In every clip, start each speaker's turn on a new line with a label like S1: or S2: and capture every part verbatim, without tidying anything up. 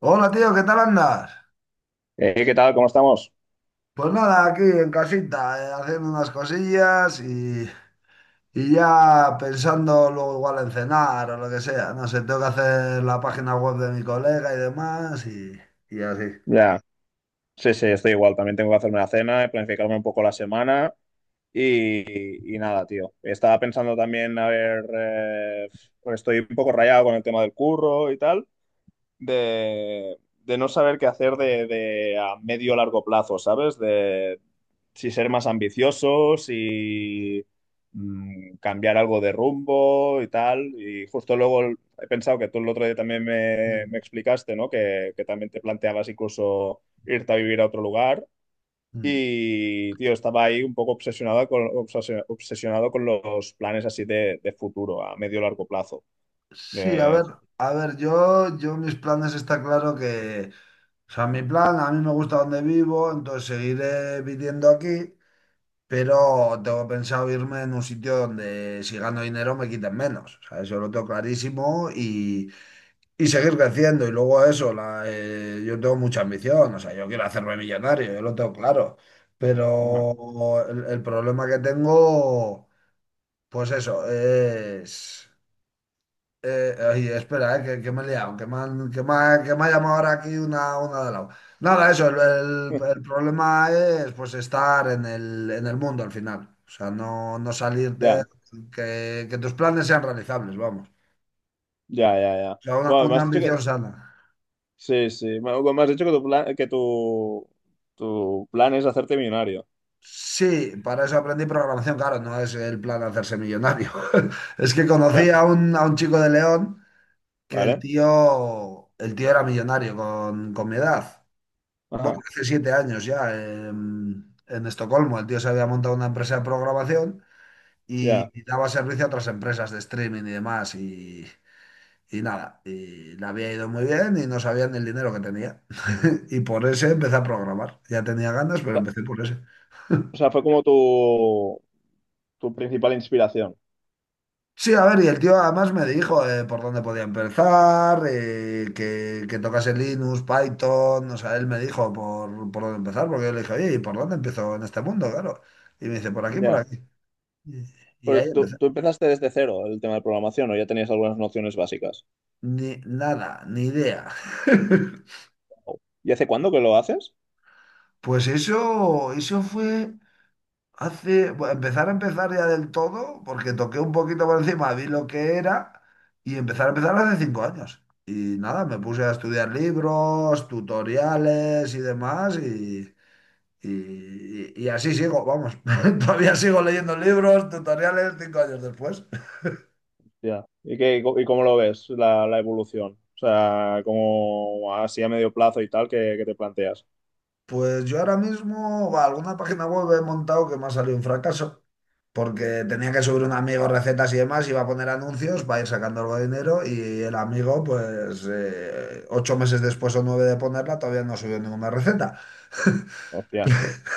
S1: Hola tío, ¿qué tal andas?
S2: Eh, ¿qué tal? ¿Cómo estamos?
S1: Pues nada, aquí en casita, eh, haciendo unas cosillas y, y ya pensando luego igual en cenar o lo que sea. No sé, tengo que hacer la página web de mi colega y demás y, y así.
S2: Ya, sí, sí, estoy igual. También tengo que hacerme la cena, planificarme un poco la semana y, y nada, tío. Estaba pensando también, a ver, eh, pues estoy un poco rayado con el tema del curro y tal, de, de no saber qué hacer de, de a medio o largo plazo, ¿sabes? De, si ser más ambiciosos y mm, cambiar algo de rumbo y tal. Y justo luego el- he pensado que tú el otro día también me, me
S1: Mm,
S2: explicaste, ¿no? Que, que también te planteabas incluso irte a vivir a otro lugar.
S1: mm.
S2: Y, tío, estaba ahí un poco obsesionado con, obsesio- obsesionado con los planes así de, de futuro, a medio largo plazo.
S1: Sí, a
S2: De...
S1: ver, a ver, yo, yo mis planes está claro que, o sea, mi plan, a mí me gusta donde vivo, entonces seguiré viviendo aquí. Pero tengo pensado irme en un sitio donde si gano dinero me quiten menos. O sea, eso lo tengo clarísimo y, y seguir creciendo. Y luego eso, la, eh, yo tengo mucha ambición. O sea, yo quiero hacerme millonario, yo lo tengo claro.
S2: Ajá.
S1: Pero el, el problema que tengo, pues eso, es... Eh, oye, espera, eh, que, que me he liado, que me han, que me ha, que me ha llamado ahora aquí una, una de lado. Nada, eso, el, el- el problema es pues estar en el, en el mundo al final. O sea, no, no salirte,
S2: Ya,
S1: que, que tus planes sean realizables, vamos. O
S2: ya, ya, ya.
S1: sea, una,
S2: Bueno, me
S1: una
S2: has dicho que...
S1: ambición sana.
S2: Sí, sí. Me me has dicho que tu plan, que tu, tu plan es hacerte millonario.
S1: Sí, para eso aprendí programación, claro, no es el plan hacerse millonario. Es que conocí a un, a un chico de León que el
S2: ¿Vale?
S1: tío, el tío era millonario con, con mi edad. Bueno,
S2: Ajá,
S1: hace siete años ya, en, en Estocolmo, el tío se había montado una empresa de programación y,
S2: ya.
S1: y daba servicio a otras empresas de streaming y demás. Y, y nada, y le había ido muy bien y no sabían el dinero que tenía. Y por ese empecé a programar. Ya tenía ganas, pero empecé por ese.
S2: O sea, fue como tu, tu principal inspiración.
S1: Sí, a ver, y el tío además me dijo eh, por dónde podía empezar, eh, que, que tocase Linux, Python, o sea, él me dijo por, por dónde empezar, porque yo le dije, oye, ¿y por dónde empiezo en este mundo? Claro. Y me dice, por aquí, por
S2: Ya.
S1: aquí. Y, y
S2: Pero
S1: ahí
S2: tú,
S1: empezó.
S2: tú empezaste desde cero el tema de programación, o ya tenías algunas nociones básicas.
S1: Ni, nada, ni idea.
S2: ¿Y hace cuándo que lo haces?
S1: Pues eso, eso fue hace, bueno, empezar a empezar ya del todo, porque toqué un poquito por encima, vi lo que era y empezar a empezar hace cinco años. Y nada, me puse a estudiar libros, tutoriales y demás y, y, y así sigo, vamos, todavía sigo leyendo libros, tutoriales cinco años después.
S2: Ya. ¿Y qué, y cómo lo ves la, la evolución? O sea, como así a medio plazo y tal que, que te planteas.
S1: Pues yo ahora mismo, va, alguna página web he montado que me ha salido un fracaso, porque tenía que subir un amigo recetas y demás, iba a poner anuncios para ir sacando algo de dinero y el amigo, pues eh, ocho meses después o nueve de ponerla, todavía no subió ninguna receta.
S2: Hostia.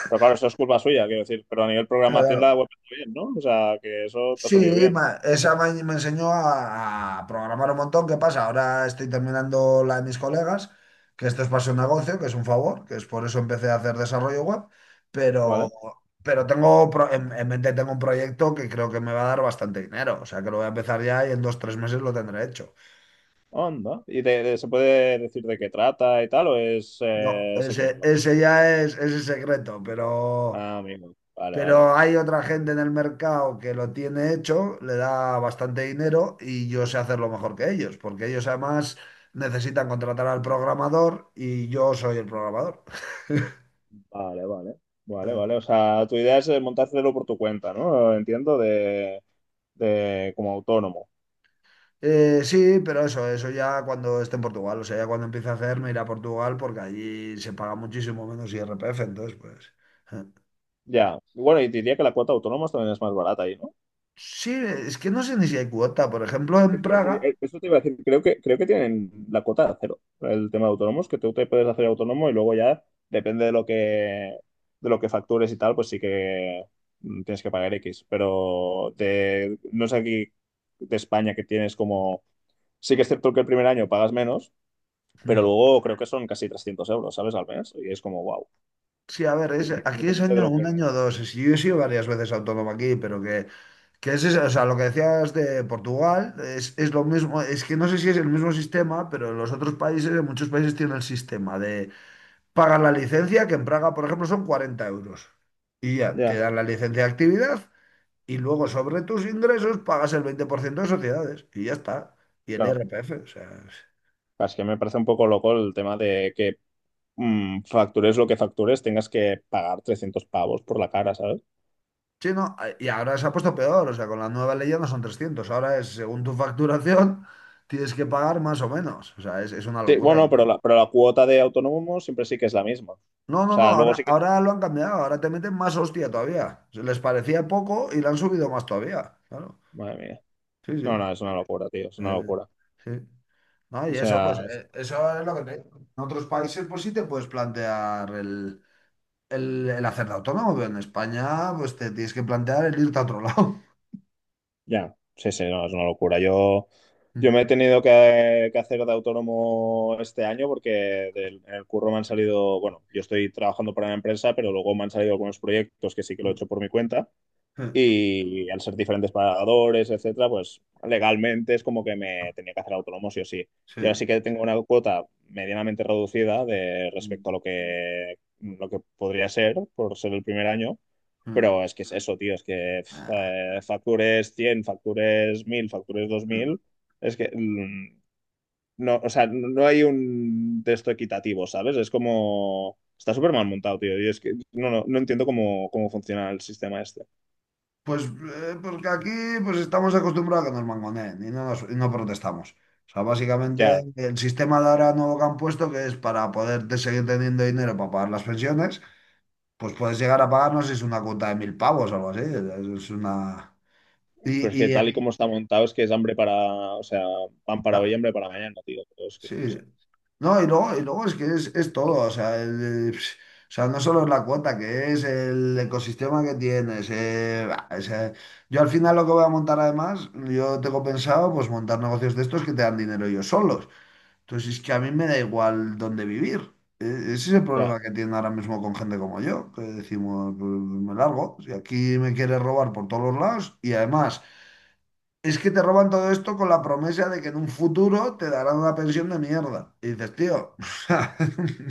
S2: Pero claro, eso es culpa suya, quiero decir. Pero a nivel
S1: Claro,
S2: programación la
S1: claro.
S2: web está bien, ¿no? O sea, que eso te ha salido
S1: Sí,
S2: bien.
S1: ma- esa me, me enseñó a, a programar un montón. ¿Qué pasa? Ahora estoy terminando la de mis colegas, que esto es para su negocio, que es un favor, que es por eso empecé a hacer desarrollo web, pero,
S2: Vale.
S1: pero tengo pro- en, en mente tengo un proyecto que creo que me va a dar bastante dinero. O sea, que lo voy a empezar ya y en dos, tres meses lo tendré hecho.
S2: Onda. ¿Y de- de- se puede decir de qué trata y tal o es
S1: No,
S2: eh,
S1: ese,
S2: secreto?
S1: ese ya es ese es secreto, pero...
S2: Ah, amigo. Vale, vale.
S1: Pero hay otra gente en el mercado que lo tiene hecho, le da bastante dinero y yo sé hacerlo mejor que ellos, porque ellos además necesitan contratar al programador y yo soy el programador.
S2: Vale, vale. Vale, vale. O sea, tu idea es eh, montártelo por tu cuenta, ¿no? Entiendo, de, de como autónomo.
S1: Eh, sí, pero eso, eso ya cuando esté en Portugal, o sea, ya cuando empiece a hacer me iré a Portugal porque allí se paga muchísimo menos I R P F entonces pues... eh.
S2: Ya. Y bueno, y diría que la cuota de autónomos también es más barata ahí, ¿no?
S1: Sí, es que no sé ni si hay cuota, por ejemplo, en
S2: Es que
S1: Praga.
S2: eh, eso te iba a decir, creo que, creo que tienen la cuota de cero, el tema de autónomos, que tú te puedes hacer autónomo y luego ya depende de lo que, de lo que factures y tal, pues sí que mm, tienes que pagar X. Pero de, no es aquí de España que tienes como. Sí que es cierto que el primer año pagas menos. Pero
S1: hmm,
S2: luego creo que son casi trescientos euros, ¿sabes? Al mes. Y es como, wow,
S1: Sí, a ver, es, aquí es
S2: independientemente de
S1: año
S2: lo
S1: un
S2: que...
S1: año o dos. Sí, yo he sido varias veces autónomo aquí, pero que, que es eso, o sea, lo que decías de Portugal es, es lo mismo. Es que no sé si es el mismo sistema, pero en los otros países, en muchos países tienen el sistema de pagar la licencia, que en Praga, por ejemplo, son cuarenta euros. Y ya, te
S2: Ya.
S1: dan la licencia de actividad y luego sobre tus ingresos pagas el veinte por ciento de sociedades y ya está. Y el
S2: Claro,
S1: I R P F, o sea.
S2: es que me parece un poco loco el tema de que mm, factures lo que factures, tengas que pagar trescientos pavos por la cara, ¿sabes?
S1: Sí, no, eh, y ahora se ha puesto peor, o sea, con la nueva ley ya no son trescientos, ahora es según tu facturación tienes que pagar más o menos, o sea, es, es una
S2: Sí,
S1: locura
S2: bueno,
S1: ya.
S2: pero la, pero la cuota de autónomo siempre sí que es la misma. O
S1: No, no, no,
S2: sea, luego
S1: ahora,
S2: sí que...
S1: ahora lo han cambiado, ahora te meten más hostia todavía. Se les parecía poco y le han subido más todavía, claro.
S2: Madre mía.
S1: Sí, sí.
S2: No, no, es una locura, tío, es una
S1: eh,
S2: locura.
S1: sí. No,
S2: O
S1: y eso, pues,
S2: sea,
S1: eh, eso es lo que te digo. En otros países, pues sí te puedes plantear el, el, el hacer autónomo, pero en España, pues te tienes que plantear el irte a otro lado.
S2: ya, sí, sí, no, es una locura. Yo, yo me he tenido que, que hacer de autónomo este año porque del, en el curro me han salido, bueno, yo estoy trabajando para una empresa, pero luego me han salido algunos proyectos que sí que lo he hecho por mi cuenta y al ser diferentes pagadores, etcétera, pues legalmente es como que me tenía que hacer autónomo sí o sí. Y ahora sí
S1: Sí.
S2: que tengo una cuota medianamente reducida de
S1: Mm,
S2: respecto a lo que, lo que podría ser por ser el primer año,
S1: mm.
S2: pero es que es eso, tío, es que pf,
S1: Ah,
S2: eh, factures cien factures mil factures dos mil, es que mm, no, o sea, no no hay un texto equitativo, ¿sabes? Es como... Está súper mal montado, tío. Y es que no, no, no entiendo cómo, cómo funciona el sistema este.
S1: pues eh, porque aquí pues estamos acostumbrados a que nos mangoneen y no, nos- y no protestamos. O sea, básicamente
S2: Ya,
S1: el sistema de ahora nuevo que han puesto, que es para poder te- seguir teniendo dinero para pagar las pensiones, pues puedes llegar a pagarnos es una cuota de mil pavos o algo así. Es una...
S2: pero es que
S1: Y, y,
S2: tal y como está montado, es que es hambre para, o sea, pan para hoy,
S1: ah,
S2: hambre para mañana, tío. Pero es que, no
S1: sí.
S2: sé.
S1: No, y luego, y luego es que es, es todo, o sea, el- pf, o sea, no solo es la cuota, que es el ecosistema que tienes. eh, bah, o sea, yo al final lo que voy a montar además, yo tengo pensado pues montar negocios de estos que te dan dinero ellos solos. Entonces es que a mí me da igual dónde vivir. E- Ese es el
S2: Ya,
S1: problema que tienen ahora mismo con gente como yo, que decimos, "Pues, me largo, si aquí me quieres robar por todos los lados y además... Es que te roban todo esto con la promesa de que en un futuro te darán una pensión de mierda. Y dices, tío, o sea,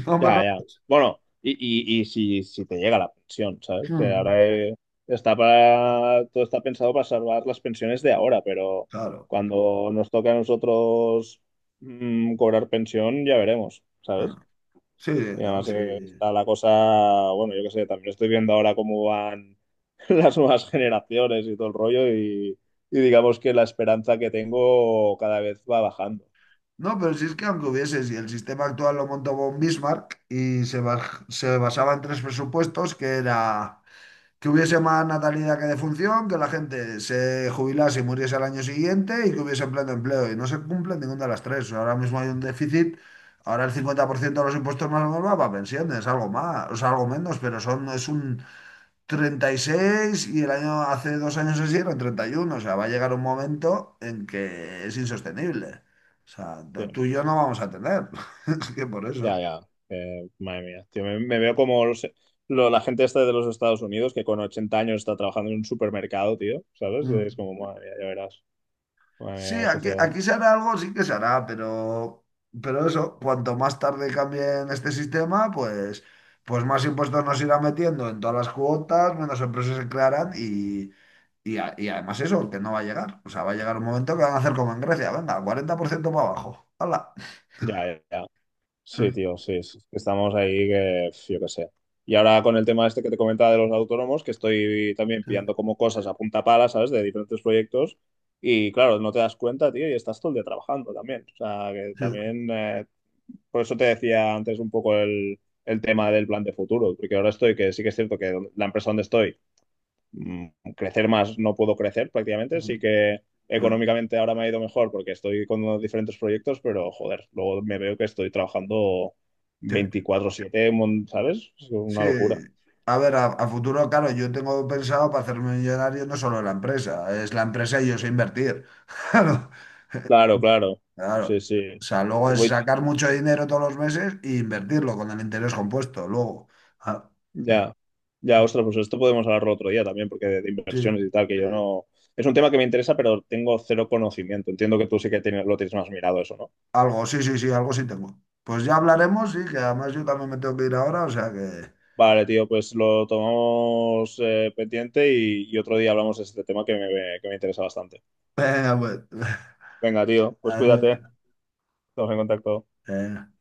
S1: no me
S2: ya, ya.
S1: robes.
S2: Bueno, y, y, y si, si te llega la pensión, ¿sabes? Que
S1: Mm.
S2: ahora eh, está para, todo está pensado para salvar las pensiones de ahora, pero
S1: Claro.
S2: cuando nos toca a nosotros mm, cobrar pensión, ya veremos,
S1: Ah,
S2: ¿sabes?
S1: sí,
S2: Y
S1: no,
S2: además Eh,
S1: sí.
S2: eh, está la cosa, bueno, yo qué sé, también estoy viendo ahora cómo van las nuevas generaciones y todo el rollo y, y digamos que la esperanza que tengo cada vez va bajando.
S1: No, pero si es que aunque hubiese, si el sistema actual lo montó von Bismarck y se, baj- se basaba en tres presupuestos, que era que hubiese más natalidad que defunción, que la gente se jubilase y muriese al año siguiente y que hubiese pleno empleo. Y no se cumple ninguna de las tres. Ahora mismo hay un déficit, ahora el cincuenta por ciento de los impuestos más o menos va para pensiones, algo más, o sea, algo menos, pero son, es un treinta y seis y el año, hace dos años así eran treinta y uno. O sea, va a llegar un momento en que es insostenible. O sea, tú
S2: Sí,
S1: y yo no vamos a tener. Es que por
S2: ya,
S1: eso.
S2: ya. Eh, madre mía, tío, me, me veo como los- lo- la gente esta de los Estados Unidos que con ochenta años está trabajando en un supermercado, tío, ¿sabes? Es
S1: Mm.
S2: como, madre mía, ya verás, madre
S1: Sí,
S2: mía, la
S1: aquí,
S2: sociedad.
S1: aquí se hará algo, sí que se hará, pero, pero eso, cuanto más tarde cambien este sistema, pues, pues más impuestos nos irán metiendo en todas las cuotas, menos empresas se crearán y, y, a- y además eso, que no va a llegar. O sea, va a llegar un momento que van a hacer como en Grecia, venga, cuarenta por ciento para abajo. ¡Hala!
S2: Ya, ya, ya.
S1: Sí,
S2: Sí, tío, sí, es- estamos ahí que, pf, yo qué sé. Y ahora con el tema este que te comentaba de los autónomos, que estoy también pillando como cosas a punta pala, ¿sabes? De diferentes proyectos. Y claro, no te das cuenta, tío, y estás todo el día trabajando también. O sea, que también, eh, por eso te decía antes un poco el, el tema del plan de futuro, porque ahora estoy, que sí que es cierto que la empresa donde estoy mm, crecer más no puedo crecer prácticamente, sí que económicamente ahora me ha ido mejor porque estoy con diferentes proyectos, pero joder, luego me veo que estoy trabajando
S1: sí.
S2: veinticuatro siete mon- ¿sabes? Es
S1: Sí.
S2: una locura.
S1: A ver, a, a futuro, claro, yo tengo pensado para hacerme millonario no solo la empresa, es la empresa y yo sé invertir. Claro.
S2: Claro, claro. Sí,
S1: Claro.
S2: sí.
S1: O sea, luego es
S2: Voy,
S1: sacar mucho dinero todos los meses e invertirlo con el interés compuesto. Luego, Ah,
S2: ya, ya, ostras, pues esto podemos hablarlo otro día también, porque de, de inversiones
S1: sí,
S2: y tal, que yo no... Es un tema que me interesa, pero tengo cero conocimiento. Entiendo que tú sí que tienes, lo tienes más mirado eso, ¿no?
S1: algo, sí, sí, sí, algo sí tengo. Pues ya hablaremos, sí, que además yo también me tengo que ir ahora, o sea que...
S2: Vale, tío, pues lo tomamos eh, pendiente y, y otro día hablamos de este tema que me, que me interesa bastante.
S1: Venga, pues.
S2: Venga, tío, pues
S1: Adiós.
S2: cuídate, estamos en contacto.
S1: Eh,